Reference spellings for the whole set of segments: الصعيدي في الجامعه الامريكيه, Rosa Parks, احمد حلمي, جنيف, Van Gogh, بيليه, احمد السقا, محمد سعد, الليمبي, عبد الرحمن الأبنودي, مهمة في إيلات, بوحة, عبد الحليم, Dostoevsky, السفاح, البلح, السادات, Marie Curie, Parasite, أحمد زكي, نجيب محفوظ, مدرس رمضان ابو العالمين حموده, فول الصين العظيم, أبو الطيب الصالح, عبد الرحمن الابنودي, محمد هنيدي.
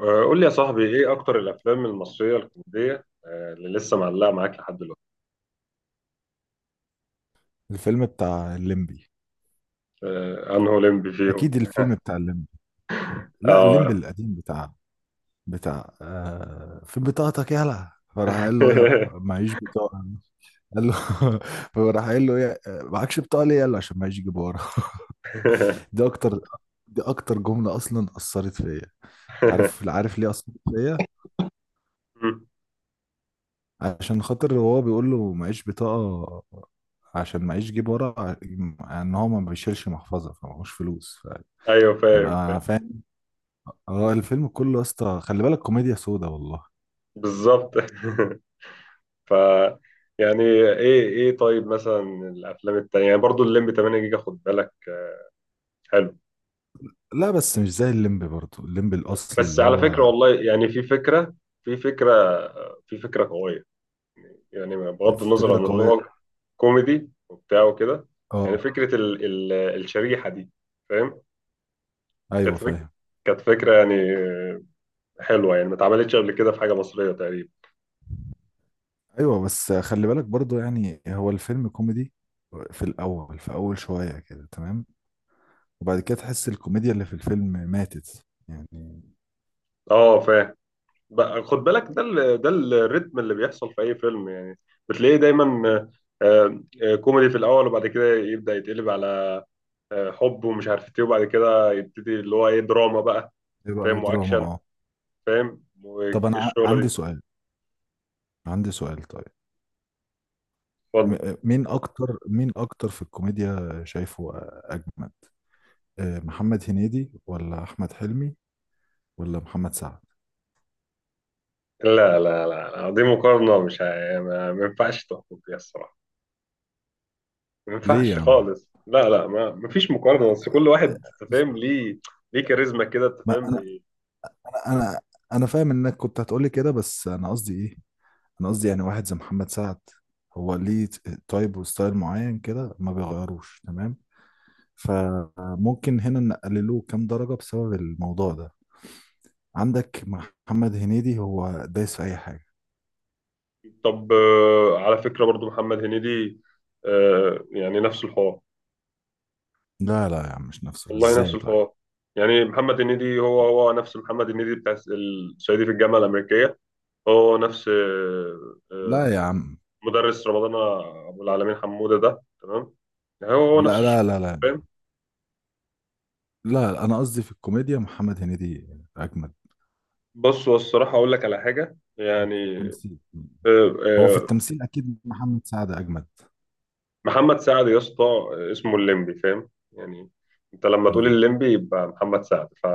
قول لي يا صاحبي، ايه اكتر الافلام المصريه الكوميديه اللي لسه معلقه معاك لحد دلوقتي؟ الفيلم بتاع الليمبي. انه لمبي فيهم. اكيد الفيلم بتاع الليمبي. لا، الليمبي اه. القديم بتاع. في بطاقتك، يلا، فراح قال له يا معيش بطاقه. قال له، فراح قال له يا معكش بطاقه ليه؟ يلا عشان معيش يجيب ورا. دي اكتر دي اكتر جمله اصلا اثرت فيا. عارف ليه اثرت فيا. مم. عشان خاطر هو بيقول له معيش بطاقه، عشان معيش جيب ورا ان هو ما بيشيلش محفظه فمعهوش فلوس. ايوه فاهم فاهم. فهيبقى فاهم. اه، الفيلم كله يا اسطى، خلي بالك كوميديا سودا والله. بالظبط. ف يعني ايه طيب مثلا الافلام التانية، يعني برضو الليمبي 8 جيجا خد بالك. حلو. لا بس مش زي الليمبي، برضه الليمبي الاصلي بس اللي على فكره هو والله، يعني في فكره في فكره قويه. يعني بغض النظر فكرة عن ان قوية. هو كوميدي وبتاع وكده. يعني اه، فكره ال الشريحه دي، فاهم. ايوه كانت فكرة فاهم. كانت فكرة يعني حلوة، يعني ما اتعملتش قبل كده في حاجة مصرية تقريبا. ايوه بس خلي بالك برضه، يعني هو الفيلم كوميدي في الاول، في اول شوية كده تمام، وبعد كده تحس الكوميديا اللي في الفيلم ماتت يعني. اه فاهم. بقى خد بالك، ده الريتم اللي بيحصل في أي فيلم يعني، بتلاقيه دايما. كوميدي في الأول وبعد كده يبدأ يتقلب على حب ومش عارف ايه، وبعد كده يبتدي اللي هو ايه دراما بقى، بقى فاهم، دراما، وأكشن، اه. فاهم طب انا والشغلة دي. عندي سؤال طيب. اتفضل. مين اكتر في الكوميديا شايفه اجمد؟ محمد هنيدي ولا احمد حلمي ولا محمد سعد؟ لا لا لا لا، دي مقارنة مش ه- ما ما ينفعش تحكم فيها الصراحة، ما ليه يا ينفعش عم؟ خالص. لا لا، ما فيش مقارنه، بس كل واحد انت بس- فاهم ليه، ليه كاريزما كده انت ما فاهم انا بي- انا انا فاهم انك كنت هتقولي كده، بس انا قصدي ايه؟ انا قصدي يعني واحد زي محمد سعد، هو ليه تايب وستايل معين كده ما بيغيروش تمام. فممكن هنا نقللوه كام درجة بسبب الموضوع ده. عندك محمد هنيدي هو دايس في اي حاجة. طب على فكره، برضو محمد هنيدي يعني نفس الحوار. لا لا يا عم، مش نفسه، والله نفس ازاي طيب؟ الحوار، يعني محمد هنيدي هو نفس محمد هنيدي بتاع الصعيدي في الجامعه الامريكيه. هو نفس لا يا عم. مدرس رمضان، ابو العالمين حموده ده، تمام. يعني هو نفس لا الشغل، لا لا لا فاهم. لا، انا قصدي في الكوميديا محمد هنيدي اجمد، بص هو الصراحه اقول لك على حاجه مش في يعني، التمثيل. آه، هو في آه، التمثيل اكيد محمد سعد اجمد. محمد سعد يا اسطى، اسمه الليمبي فاهم يعني، انت لما تقول الليمبي يبقى محمد سعد ف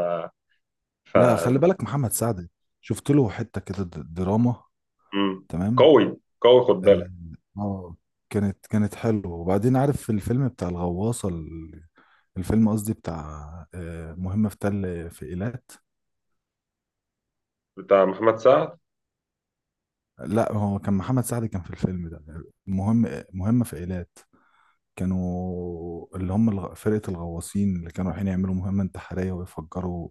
ف لا خلي بالك محمد سعد، شفت له حتة كده دراما. مم. تمام، قوي قوي خد اه. بالك. آه، كانت حلوة. وبعدين عارف في الفيلم بتاع الغواصة الفيلم قصدي بتاع مهمة في تل في إيلات. بتاع محمد سعد. لا هو كان محمد سعد كان في الفيلم ده. مهم، مهمة في إيلات. كانوا اللي هم فرقة الغواصين اللي كانوا رايحين يعملوا مهمة انتحارية ويفجروا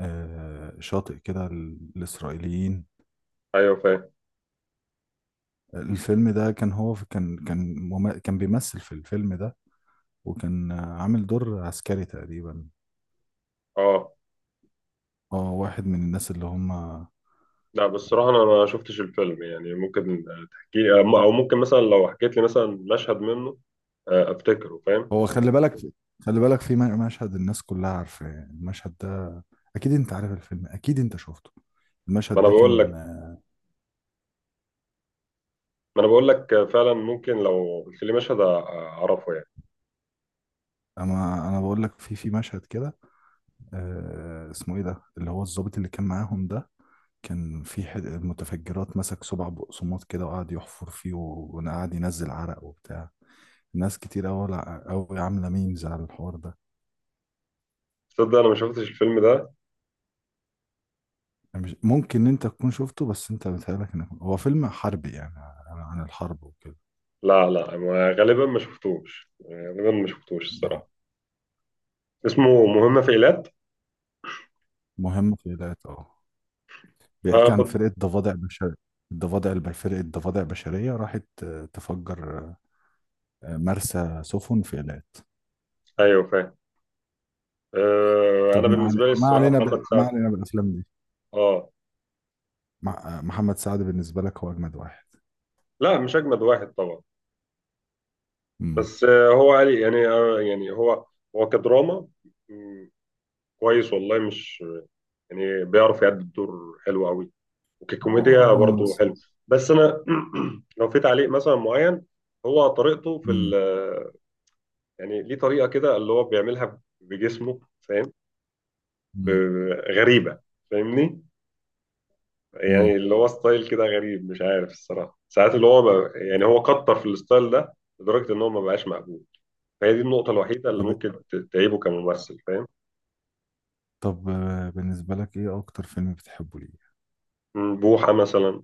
شاطئ كده للإسرائيليين. ايوه فاهم. الفيلم ده كان هو كان كان كان بيمثل في الفيلم ده، وكان عامل دور عسكري تقريبا. اه. اه، واحد من الناس اللي هم. لا بصراحة انا ما شفتش الفيلم يعني، ممكن تحكي لي او ممكن مثلا لو حكيت لي مثلا مشهد منه، افتكره فاهم. هو خلي بالك، خلي بالك في مشهد، الناس كلها عارفة المشهد ده. اكيد انت عارف الفيلم، اكيد انت شفته. ما المشهد انا ده بقول كان. لك ما انا بقول لك فعلا، ممكن لو قلت لي اعرفه يعني. اما انا بقول لك في مشهد كده، آه اسمه ايه ده، اللي هو الضابط اللي كان معاهم ده، كان في حد متفجرات مسك سبع بقسماط كده وقعد يحفر فيه، وقعد ينزل عرق وبتاع. ناس كتير أوي، أوي عاملة ميمز على الحوار ده. تصدق انا ما شفتش الفيلم ده. أنا مش ممكن إن أنت تكون شفته، بس أنت بتهيألك إنك هو فيلم حربي يعني عن الحرب وكده. لا لا، غالبا ما شفتوش، غالبا ما شفتوش م. الصراحة. اسمه مهمة في إيلات. مهم في ذات، أه، بيحكي عن فاخد. فرقة ضفادع بشرية. الضفادع فرقة ضفادع بشرية راحت تفجر مرسى سفن في إيلات. ايوه فاهم. طب انا بالنسبة لي ما الصراحة علينا محمد ما سعد. علينا بالأفلام دي. اه، محمد سعد بالنسبة لك هو أجمد واحد. لا مش اجمد واحد طبعا، امم بس هو قال يعني يعني هو، هو كدراما، مم، كويس والله، مش يعني بيعرف يأدي الدور حلو قوي، هو وككوميديا هو برضه ممثل. حلو. بس انا، لو في تعليق مثلا معين، هو طريقته في امم. يعني ليه طريقة كده اللي هو بيعملها بجسمه، فاهم، امم. غريبة، فاهمني. يعني امم. اللي هو ستايل كده غريب، مش عارف الصراحة ساعات اللي هو، ما يعني هو كتر في الستايل ده لدرجة ان هو ما بقاش مقبول. فهي دي النقطة الوحيدة اللي طب، ممكن تعيبه كممثل، فاهم. بالنسبة لك ايه اكتر فيلم بتحبه ليه؟ بوحة مثلا،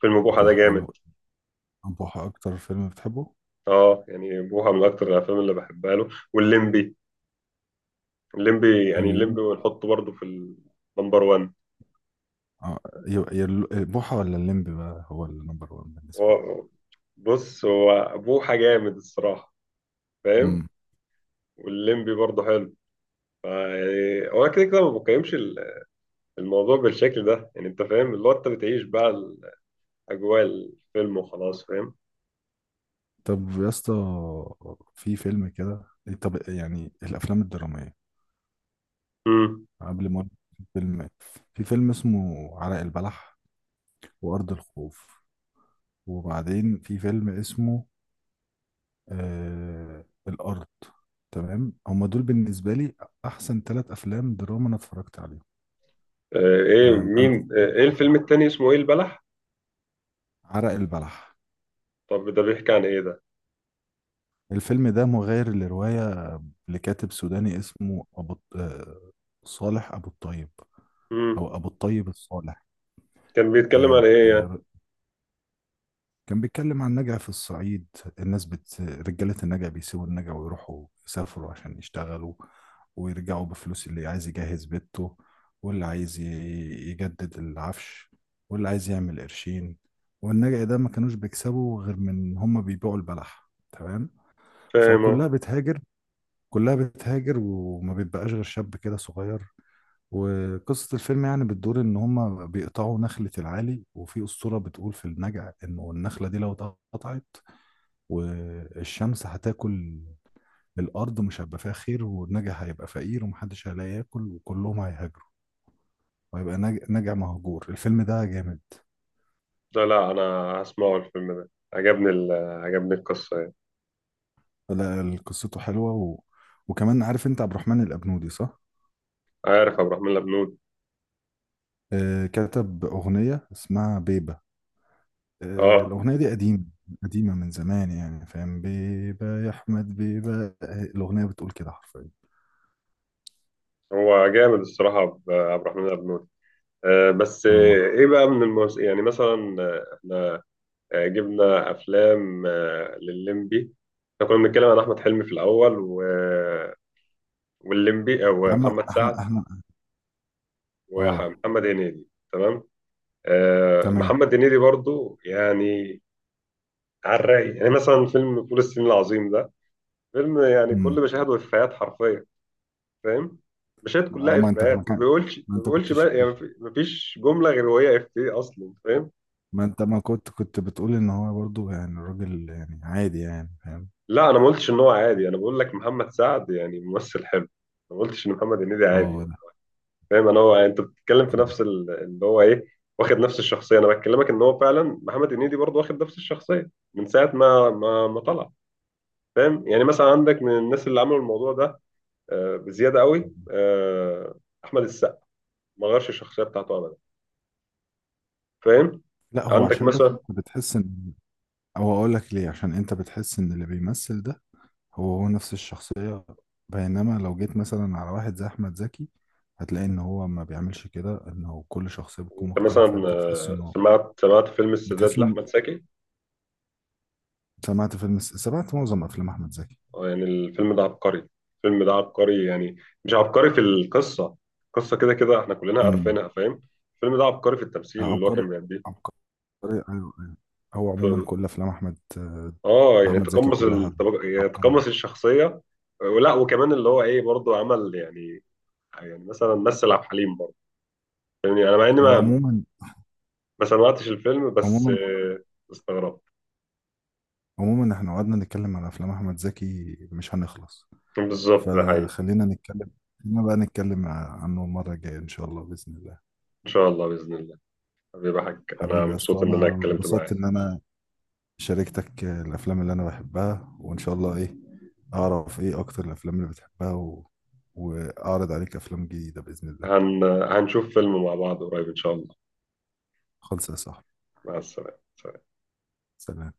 فيلم بوحة ده بوحة جامد. بوحة اكتر فيلم بتحبه؟ اه يعني بوحة من اكتر الافلام اللي بحبها له والليمبي. الليمبي يعني الليمب، الليمبي، ونحطه برضه في النمبر 1. اه، بوحة ولا الليمب بقى هو النمبر وان بالنسبة لك؟ هو، بص هو بوحة جامد الصراحة، فاهم، امم. والليمبي برضه حلو. فا يعني هو كده كده ما بقيمش الموضوع بالشكل ده. يعني انت فاهم اللي هو، انت بتعيش بقى اجواء الفيلم وخلاص، فاهم. طب يا اسطى، في فيلم كده. طب يعني الافلام الدرامية، امم قبل ما أقول في فيلم، في فيلم اسمه عرق البلح، وارض الخوف، وبعدين في فيلم اسمه آه الارض. تمام، هما دول بالنسبة لي احسن ثلاث افلام دراما انا اتفرجت عليهم. آه ايه نعم انت؟ مين آه ايه صح. الفيلم التاني اسمه ايه، البلح؟ عرق البلح. طب ده بيحكي عن ايه ده؟ الفيلم ده مغير لرواية لكاتب سوداني اسمه أبو الط- آه، صالح أبو الطيب، امم أو أبو الطيب الصالح. كان بيتكلم عن آه، ايه يعني؟ آه، كان بيتكلم عن نجع في الصعيد. الناس رجالة النجع بيسيبوا النجع ويروحوا يسافروا عشان يشتغلوا، ويرجعوا بفلوس، اللي عايز يجهز بيته، واللي عايز يجدد العفش، واللي عايز يعمل قرشين. والنجع ده ما كانوش بيكسبوا غير من هما بيبيعوا البلح، تمام؟ فكلها فاهمه. بتهاجر. كلها بتهاجر وما بيبقاش غير شاب كده صغير. وقصة الفيلم يعني بتدور إن هما بيقطعوا نخلة العالي، وفي أسطورة بتقول في النجع إنه النخلة دي لو اتقطعت والشمس هتاكل، الأرض مش هيبقى فيها خير والنجع هيبقى فقير ومحدش هيلاقي ياكل وكلهم هيهاجروا، وهيبقى نجع مهجور. الفيلم ده جامد. لا لا انا هسمعه، الفيلم ده عجبني القصه يعني. لا قصته حلوة وكمان عارف أنت عبد الرحمن الأبنودي، صح؟ عارف عبد الرحمن الابنود. كتب أغنية اسمها بيبة. اه. الأغنية دي قديمة، قديمة من زمان يعني فاهم، بيبا يا أحمد بيبا، الأغنية بتقول كده حرفيا. هو جامد الصراحه، عبد الرحمن الابنود. بس اه. ايه بقى يعني مثلا احنا جبنا افلام للليمبي، احنا كنا بنتكلم عن احمد حلمي في الاول، و... والليمبي يا او عم محمد احنا سعد، احنا اه. ومحمد هنيدي، تمام. تمام. محمد هنيدي برضو يعني على الرايق، يعني مثلا فيلم فول الصين العظيم ده فيلم يعني امم. كل مشاهده افيهات حرفيا، فاهم، مشاهد آه، كلها ما انت ما افيهات، كان ما ما انت بيقولش كنتش بقى يعني ما فيش جمله غير وهي افيه اصلا، فاهم. ما انت ما كنت بتقول ان هو برضو يعني الراجل يعني عادي يعني فاهم. لا انا ما قلتش ان هو عادي، انا بقول لك محمد سعد يعني ممثل حلو، ما قلتش ان محمد هنيدي عادي. اه، لا. فاهم، انا هو انت بتتكلم في اه. اللي هو ايه، واخد نفس الشخصيه. انا بكلمك ان هو فعلا محمد هنيدي برضه واخد نفس الشخصيه من ساعه ما طلع، فاهم. يعني مثلا عندك من الناس اللي عملوا الموضوع ده بزياده قوي، احمد السقا، ما غيرش الشخصيه بتاعته ابدا، فاهم. لا، هو عندك عشان بس مثلا، بتحس ان، او اقول لك ليه، عشان انت بتحس ان اللي بيمثل ده هو نفس الشخصية. بينما لو جيت مثلا على واحد زي أحمد زكي هتلاقي إن هو ما بيعملش كده، إنه كل شخصية بتكون انت مختلفة، مثلا أنت بتحس إنه. سمعت فيلم السادات بتحس لاحمد إنه زكي. سمعت فيلم، سمعت معظم أفلام أحمد زكي. يعني الفيلم ده عبقري، الفيلم ده عبقري يعني، مش عبقري في القصة، القصة كده كده احنا كلنا امم. عارفينها، فاهم. الفيلم ده عبقري في التمثيل اللي هو عبقري، كان بيأديه. عبقري، أيوه، أيوه. هو عموما ف- كل أفلام أحمد اه يعني أحمد زكي كلها يعني عبقرية. تقمص الشخصية، ولا وكمان اللي هو ايه برضه عمل، يعني يعني مثلا مثل عبد الحليم برضه، يعني انا مع اني هو ما عموما، ما سمعتش الفيلم، بس عموما استغربت. عموما إحنا قعدنا نتكلم عن أفلام أحمد زكي مش هنخلص. بالظبط ده حقيقي. فخلينا نتكلم، خلينا بقى نتكلم عنه المرة الجاية إن شاء الله بإذن الله. ان شاء الله باذن الله، حبيبي حاج انا حبيبي يا اسطى، مبسوط ان انا انا اتكلمت انبسطت معاك. ان انا شاركتك الافلام اللي انا بحبها، وان شاء الله ايه اعرف ايه اكتر الافلام اللي بتحبها واعرض عليك افلام جديدة باذن الله. هنشوف فيلم مع بعض قريب ان شاء الله. خلص يا صاحبي. مع السلامه. سلام.